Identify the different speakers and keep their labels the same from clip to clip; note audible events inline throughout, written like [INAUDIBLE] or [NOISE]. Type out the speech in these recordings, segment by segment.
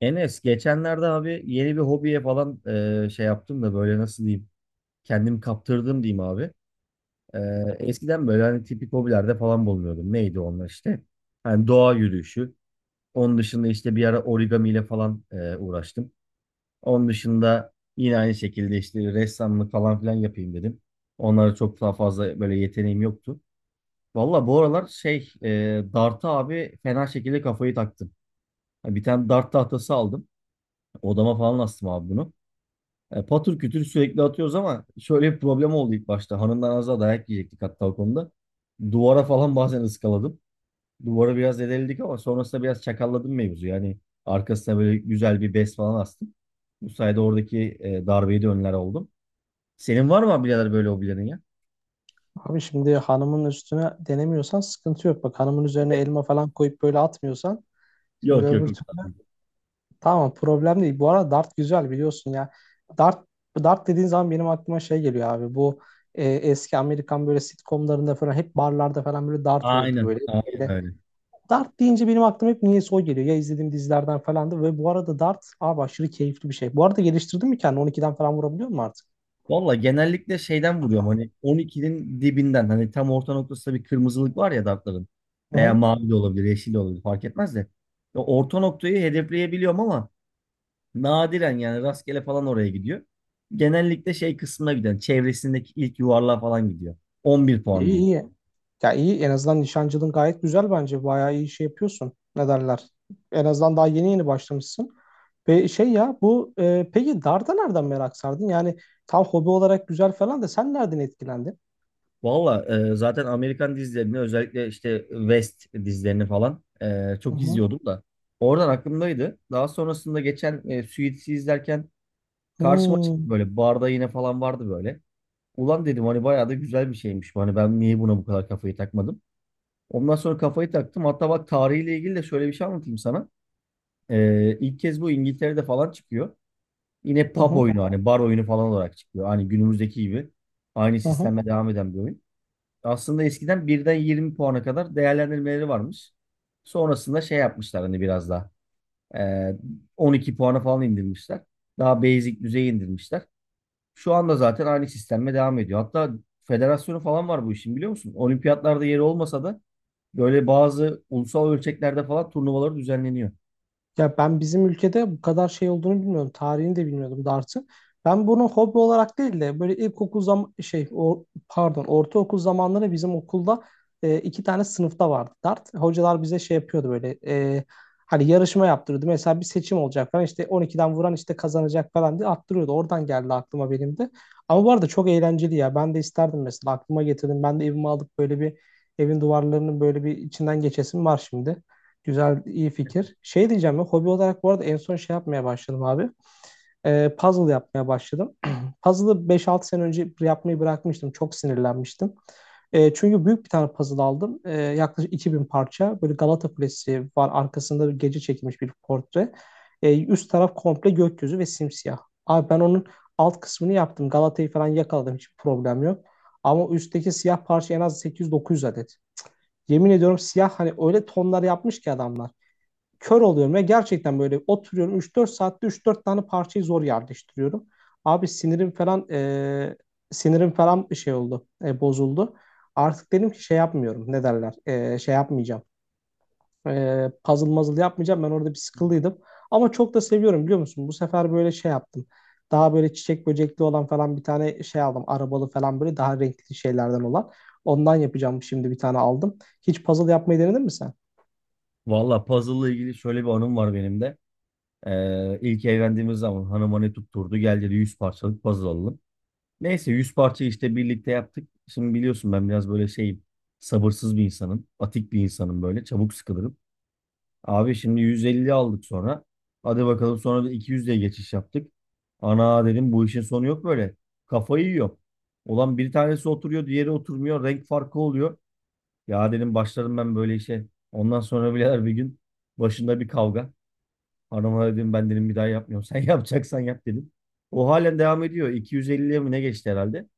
Speaker 1: Enes geçenlerde abi yeni bir hobiye falan şey yaptım da böyle nasıl diyeyim kendimi kaptırdım diyeyim abi. E, eskiden böyle hani tipik hobilerde falan bulunuyordum. Neydi onlar işte? Hani doğa yürüyüşü. Onun dışında işte bir ara origami ile falan uğraştım. Onun dışında yine aynı şekilde işte ressamlık falan filan yapayım dedim. Onlara çok daha fazla böyle yeteneğim yoktu. Valla bu aralar şey dart'a abi fena şekilde kafayı taktım. Bir tane dart tahtası aldım. Odama falan astım abi bunu. Patır kütür sürekli atıyoruz ama şöyle bir problem oldu ilk başta. Hanımdan az daha dayak yiyecektik hatta o konuda. Duvara falan bazen ıskaladım. Duvara biraz edildik ama sonrasında biraz çakalladım mevzu. Yani arkasına böyle güzel bir bez falan astım. Bu sayede oradaki darbeyi de önler oldum. Senin var mı birader böyle hobilerin ya?
Speaker 2: Abi şimdi hanımın üstüne denemiyorsan sıkıntı yok. Bak hanımın üzerine elma falan koyup böyle atmıyorsan şimdi
Speaker 1: Yok , yok.
Speaker 2: öbür
Speaker 1: yok.
Speaker 2: türlü tamam problem değil. Bu arada dart güzel biliyorsun ya. Dart dart dediğin zaman benim aklıma şey geliyor abi. Bu eski Amerikan böyle sitcomlarında falan hep barlarda falan böyle dart olurdu
Speaker 1: Aynen.
Speaker 2: böyle.
Speaker 1: Aynen
Speaker 2: böyle.
Speaker 1: öyle.
Speaker 2: Dart deyince benim aklıma hep niyeyse o geliyor. Ya izlediğim dizilerden falandı ve bu arada dart abi aşırı keyifli bir şey. Bu arada geliştirdin mi kendini? 12'den falan vurabiliyor musun artık?
Speaker 1: Valla genellikle şeyden vuruyorum, hani 12'nin dibinden, hani tam orta noktasında bir kırmızılık var ya dartların,
Speaker 2: Hı
Speaker 1: veya
Speaker 2: hı.
Speaker 1: mavi de olabilir, yeşil de olabilir, fark etmez de ya orta noktayı hedefleyebiliyorum ama nadiren, yani rastgele falan oraya gidiyor. Genellikle şey kısmına giden, çevresindeki ilk yuvarlığa falan gidiyor. 11 puan
Speaker 2: İyi
Speaker 1: diyeyim.
Speaker 2: iyi. Ya iyi en azından nişancılığın gayet güzel bence. Bayağı iyi şey yapıyorsun. Ne derler? En azından daha yeni yeni başlamışsın. Ve şey ya bu peki darda nereden merak sardın? Yani tam hobi olarak güzel falan da sen nereden etkilendin?
Speaker 1: Valla zaten Amerikan dizilerini, özellikle işte West dizilerini falan
Speaker 2: Hı
Speaker 1: çok
Speaker 2: hı.
Speaker 1: izliyordum da oradan aklımdaydı. Daha sonrasında geçen Suits'i izlerken karşıma çıktı,
Speaker 2: Hmm.
Speaker 1: böyle barda yine falan vardı böyle. Ulan dedim, hani bayağı da güzel bir şeymiş bu. Hani ben niye buna bu kadar kafayı takmadım? Ondan sonra kafayı taktım. Hatta bak, tarihiyle ilgili de şöyle bir şey anlatayım sana. İlk kez bu İngiltere'de falan çıkıyor. Yine
Speaker 2: Hı
Speaker 1: pub
Speaker 2: hı.
Speaker 1: oyunu, hani bar oyunu falan olarak çıkıyor. Hani günümüzdeki gibi aynı
Speaker 2: Hı hı.
Speaker 1: sistemle devam eden bir oyun. Aslında eskiden 1'den 20 puana kadar değerlendirmeleri varmış. Sonrasında şey yapmışlar, hani biraz daha. Ee, 12 puana falan indirmişler. Daha basic düzeye indirmişler. Şu anda zaten aynı sistemle devam ediyor. Hatta federasyonu falan var bu işin, biliyor musun? Olimpiyatlarda yeri olmasa da böyle bazı ulusal ölçeklerde falan turnuvaları düzenleniyor.
Speaker 2: Ya ben bizim ülkede bu kadar şey olduğunu bilmiyordum. Tarihini de bilmiyordum dartın. Ben bunu hobi olarak değil de böyle ilkokul zam şey o pardon ortaokul zamanları bizim okulda iki tane sınıfta vardı dart. Hocalar bize şey yapıyordu böyle hani yarışma yaptırıyordu. Mesela bir seçim olacak falan işte 12'den vuran işte kazanacak falan diye attırıyordu. Oradan geldi aklıma benim de. Ama bu arada çok eğlenceli ya. Ben de isterdim mesela aklıma getirdim. Ben de evime alıp böyle bir evin duvarlarının böyle bir içinden geçesim var şimdi. Güzel, iyi fikir. Şey diyeceğim ya, hobi olarak bu arada en son şey yapmaya başladım abi. Puzzle yapmaya başladım. [CLEARS THROAT] Puzzle'ı 5-6 sene önce yapmayı bırakmıştım. Çok sinirlenmiştim. Çünkü büyük bir tane puzzle aldım. Yaklaşık 2 bin parça. Böyle Galata Kulesi var. Arkasında bir gece çekilmiş bir portre. Üst taraf komple gökyüzü ve simsiyah. Abi ben onun alt kısmını yaptım. Galata'yı falan yakaladım. Hiçbir problem yok. Ama üstteki siyah parça en az 800-900 adet. Yemin ediyorum siyah hani öyle tonlar yapmış ki adamlar kör oluyorum ve gerçekten böyle oturuyorum 3-4 saatte 3-4 tane parçayı zor yerleştiriyorum. Abi sinirim falan sinirim falan bir şey oldu, bozuldu. Artık dedim ki şey yapmıyorum, ne derler, şey yapmayacağım. Puzzle muzzle yapmayacağım. Ben orada bir
Speaker 1: Hı hı.
Speaker 2: sıkıldıydım. Ama çok da seviyorum biliyor musun? Bu sefer böyle şey yaptım. Daha böyle çiçek böcekli olan falan bir tane şey aldım. Arabalı falan böyle daha renkli şeylerden olan. Ondan yapacağım şimdi bir tane aldım. Hiç puzzle yapmayı denedin mi sen?
Speaker 1: Valla puzzle'la ilgili şöyle bir anım var benim de. İlk evlendiğimiz zaman hanıma ne tutturdu? Gel dedi, 100 parçalık puzzle alalım. Neyse 100 parça işte birlikte yaptık. Şimdi biliyorsun, ben biraz böyle şeyim. Sabırsız bir insanım. Atik bir insanım böyle. Çabuk sıkılırım. Abi şimdi 150 aldık sonra. Hadi bakalım, sonra da 200'e geçiş yaptık. Ana dedim, bu işin sonu yok böyle. Kafayı yiyor. Ulan bir tanesi oturuyor, diğeri oturmuyor. Renk farkı oluyor. Ya dedim, başladım ben böyle işe. Ondan sonra birader bir gün başında bir kavga. Hanıma dedim, ben dedim bir daha yapmıyorum. [LAUGHS] Sen yapacaksan yap dedim. O halen devam ediyor. 250'ye mi ne geçti herhalde?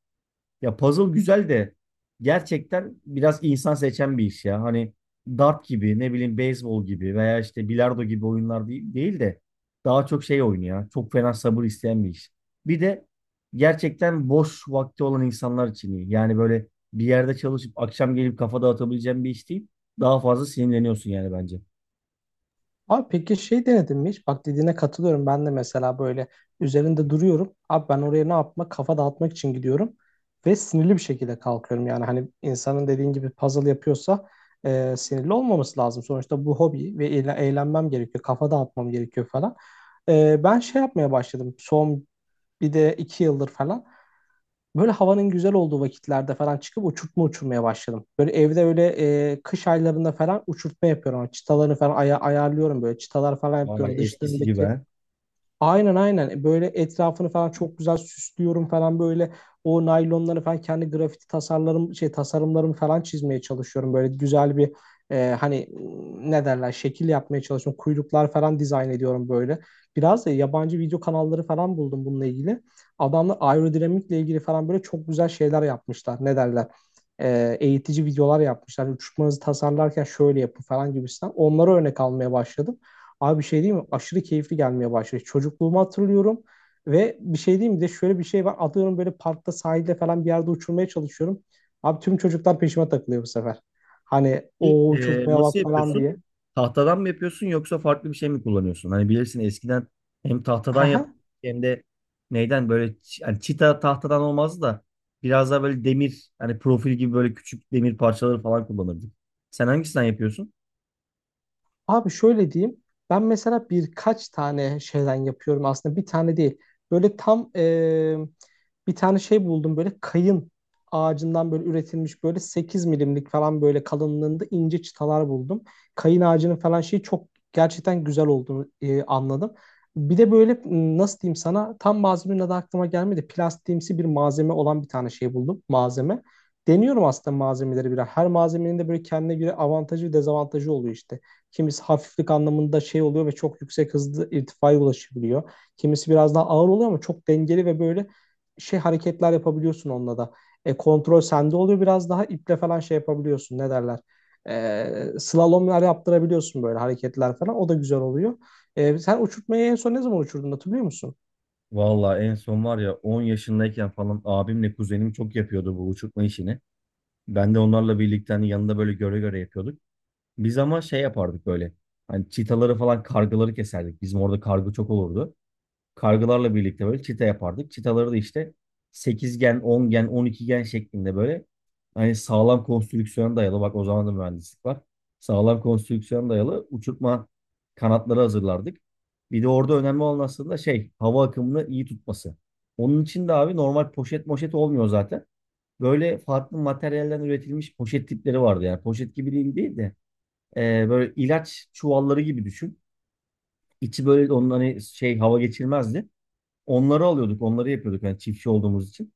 Speaker 1: Ya puzzle güzel de gerçekten biraz insan seçen bir iş ya. Hani dart gibi, ne bileyim beyzbol gibi veya işte bilardo gibi oyunlar değil de daha çok şey oynuyor. Çok fena sabır isteyen bir iş. Bir de gerçekten boş vakti olan insanlar için iyi. Yani böyle bir yerde çalışıp akşam gelip kafa dağıtabileceğin bir iş değil. Daha fazla sinirleniyorsun yani bence.
Speaker 2: Abi peki şey denedin mi hiç? Bak dediğine katılıyorum. Ben de mesela böyle üzerinde duruyorum. Abi ben oraya ne yapmak? Kafa dağıtmak için gidiyorum. Ve sinirli bir şekilde kalkıyorum. Yani hani insanın dediğin gibi puzzle yapıyorsa sinirli olmaması lazım. Sonuçta bu hobi ve eğlenmem gerekiyor. Kafa dağıtmam gerekiyor falan. Ben şey yapmaya başladım. Son bir de 2 yıldır falan. Böyle havanın güzel olduğu vakitlerde falan çıkıp uçurtma uçurmaya başladım. Böyle evde öyle kış aylarında falan uçurtma yapıyorum. Çıtalarını falan ayarlıyorum böyle. Çıtalar falan
Speaker 1: Vay,
Speaker 2: yapıyorum.
Speaker 1: eskisi gibi ha.
Speaker 2: Dışlarındaki. Aynen aynen. Böyle etrafını falan çok güzel süslüyorum falan böyle o naylonları falan kendi grafiti tasarlarım şey tasarımlarımı falan çizmeye çalışıyorum böyle güzel bir hani ne derler şekil yapmaya çalışıyorum kuyruklar falan dizayn ediyorum böyle biraz da yabancı video kanalları falan buldum bununla ilgili adamlar aerodinamikle ilgili falan böyle çok güzel şeyler yapmışlar ne derler. Eğitici videolar yapmışlar uçmanızı tasarlarken şöyle yapın falan gibisinden onlara örnek almaya başladım. Abi bir şey diyeyim mi? Aşırı keyifli gelmeye başladı. Çocukluğumu hatırlıyorum ve bir şey diyeyim mi? Bir de şöyle bir şey var. Atıyorum böyle parkta sahilde falan bir yerde uçurmaya çalışıyorum. Abi tüm çocuklar peşime takılıyor bu sefer. Hani
Speaker 1: Peki,
Speaker 2: o uçurtmaya bak
Speaker 1: nasıl
Speaker 2: falan
Speaker 1: yapıyorsun?
Speaker 2: diye.
Speaker 1: Tahtadan mı yapıyorsun yoksa farklı bir şey mi kullanıyorsun? Hani bilirsin eskiden hem tahtadan yap
Speaker 2: [LAUGHS]
Speaker 1: hem de neyden, böyle hani çita tahtadan olmazdı da biraz daha böyle demir, hani profil gibi böyle küçük demir parçaları falan kullanırdık. Sen hangisinden yapıyorsun?
Speaker 2: Abi şöyle diyeyim. Ben mesela birkaç tane şeyden yapıyorum aslında. Bir tane değil. Böyle tam bir tane şey buldum. Böyle kayın ağacından böyle üretilmiş böyle 8 mm'lik falan böyle kalınlığında ince çıtalar buldum. Kayın ağacının falan şeyi çok gerçekten güzel olduğunu anladım. Bir de böyle nasıl diyeyim sana tam malzemenin adı aklıma gelmedi. Plastiğimsi bir malzeme olan bir tane şey buldum. Malzeme. Deniyorum aslında malzemeleri biraz. Her malzemenin de böyle kendine göre avantajı ve dezavantajı oluyor işte. Kimisi hafiflik anlamında şey oluyor ve çok yüksek hızlı irtifaya ulaşabiliyor. Kimisi biraz daha ağır oluyor ama çok dengeli ve böyle şey hareketler yapabiliyorsun onunla da. Kontrol sende oluyor biraz daha iple falan şey yapabiliyorsun ne derler. Slalomlar yaptırabiliyorsun böyle hareketler falan o da güzel oluyor. Sen uçurtmayı en son ne zaman uçurdun hatırlıyor musun?
Speaker 1: Valla en son var ya, 10 yaşındayken falan abimle kuzenim çok yapıyordu bu uçurtma işini. Ben de onlarla birlikte, hani yanında böyle göre göre yapıyorduk. Biz ama şey yapardık böyle. Hani çitaları falan kargaları keserdik. Bizim orada kargı çok olurdu. Kargılarla birlikte böyle çita yapardık. Çitaları da işte sekizgen, ongen, 10 gen, gen şeklinde böyle, hani sağlam konstrüksiyona dayalı, bak o zaman da mühendislik var. Sağlam konstrüksiyona dayalı uçurtma kanatları hazırlardık. Bir de orada önemli olan aslında şey, hava akımını iyi tutması. Onun için de abi, normal poşet moşet olmuyor zaten. Böyle farklı materyallerden üretilmiş poşet tipleri vardı yani. Poşet gibi değil de böyle ilaç çuvalları gibi düşün. İçi böyle onun hani şey, hava geçirmezdi. Onları alıyorduk, onları yapıyorduk yani, çiftçi olduğumuz için.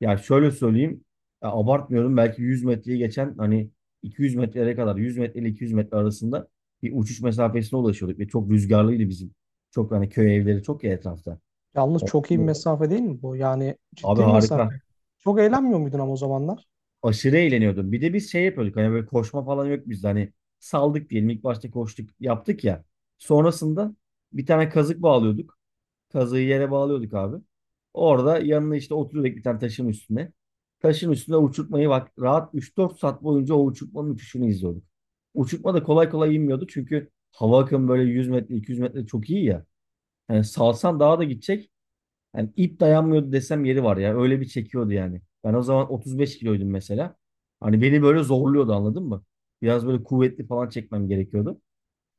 Speaker 1: Ya şöyle söyleyeyim, ya abartmıyorum, belki 100 metreyi geçen, hani 200 metrelere kadar, 100 metre ile 200 metre arasında bir uçuş mesafesine ulaşıyorduk ve çok rüzgarlıydı bizim. Çok hani köy evleri çok ya etrafta.
Speaker 2: Yalnız
Speaker 1: O-
Speaker 2: çok iyi bir mesafe değil mi bu? Yani
Speaker 1: Abi
Speaker 2: ciddi bir
Speaker 1: harika.
Speaker 2: mesafe. Çok eğlenmiyor muydun ama o zamanlar?
Speaker 1: Aşırı eğleniyordum. Bir de biz şey yapıyorduk, hani böyle koşma falan yok bizde, hani saldık diyelim ilk başta, koştuk yaptık ya. Sonrasında bir tane kazık bağlıyorduk. Kazığı yere bağlıyorduk abi. Orada yanına işte oturuyorduk bir tane taşın üstüne. Taşın üstüne, uçurtmayı bak, rahat üç dört saat boyunca o uçurtmanın uçuşunu izliyorduk. Uçurtma da kolay kolay inmiyordu çünkü hava akımı böyle 100 metre 200 metre, çok iyi ya. Yani salsan daha da gidecek. Yani ip dayanmıyordu desem yeri var ya. Öyle bir çekiyordu yani. Ben o zaman 35 kiloydum mesela. Hani beni böyle zorluyordu, anladın mı? Biraz böyle kuvvetli falan çekmem gerekiyordu.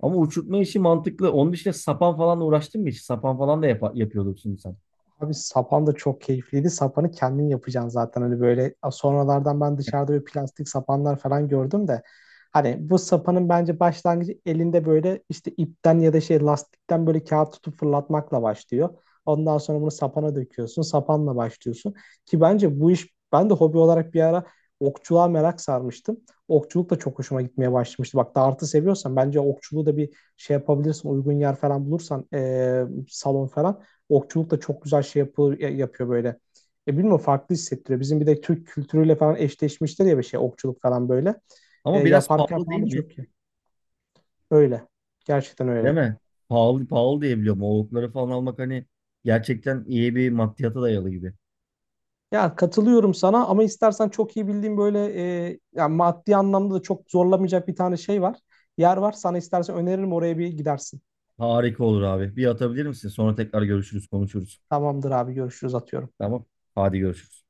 Speaker 1: Ama uçurtma işi mantıklı. Onun dışında sapan falan uğraştın mı hiç? Sapan falan da yapıyorduk şimdi sen.
Speaker 2: Abi sapan da çok keyifliydi. Sapanı kendin yapacaksın zaten hani böyle sonralardan ben dışarıda böyle plastik sapanlar falan gördüm de hani bu sapanın bence başlangıcı elinde böyle işte ipten ya da şey lastikten böyle kağıt tutup fırlatmakla başlıyor. Ondan sonra bunu sapana döküyorsun. Sapanla başlıyorsun. Ki bence bu iş ben de hobi olarak bir ara okçuluğa merak sarmıştım. Okçuluk da çok hoşuma gitmeye başlamıştı. Bak dartı seviyorsan bence okçuluğu da bir şey yapabilirsin. Uygun yer falan bulursan salon falan okçuluk da çok güzel şey yapıyor, yapıyor böyle. Bilmiyorum farklı hissettiriyor. Bizim bir de Türk kültürüyle falan eşleşmiştir ya bir şey okçuluk falan böyle.
Speaker 1: Ama biraz
Speaker 2: Yaparken
Speaker 1: pahalı
Speaker 2: falan
Speaker 1: değil
Speaker 2: da
Speaker 1: mi?
Speaker 2: çok iyi. Öyle. Gerçekten
Speaker 1: Değil
Speaker 2: öyle.
Speaker 1: mi? Pahalı pahalı diye biliyorum. Oğlukları falan almak, hani gerçekten iyi bir maddiyata dayalı gibi.
Speaker 2: Ya katılıyorum sana ama istersen çok iyi bildiğim böyle ya maddi anlamda da çok zorlamayacak bir tane şey var. Yer var. Sana istersen öneririm oraya bir gidersin.
Speaker 1: Harika olur abi. Bir atabilir misin? Sonra tekrar görüşürüz, konuşuruz.
Speaker 2: Tamamdır abi görüşürüz atıyorum.
Speaker 1: Tamam. Hadi görüşürüz.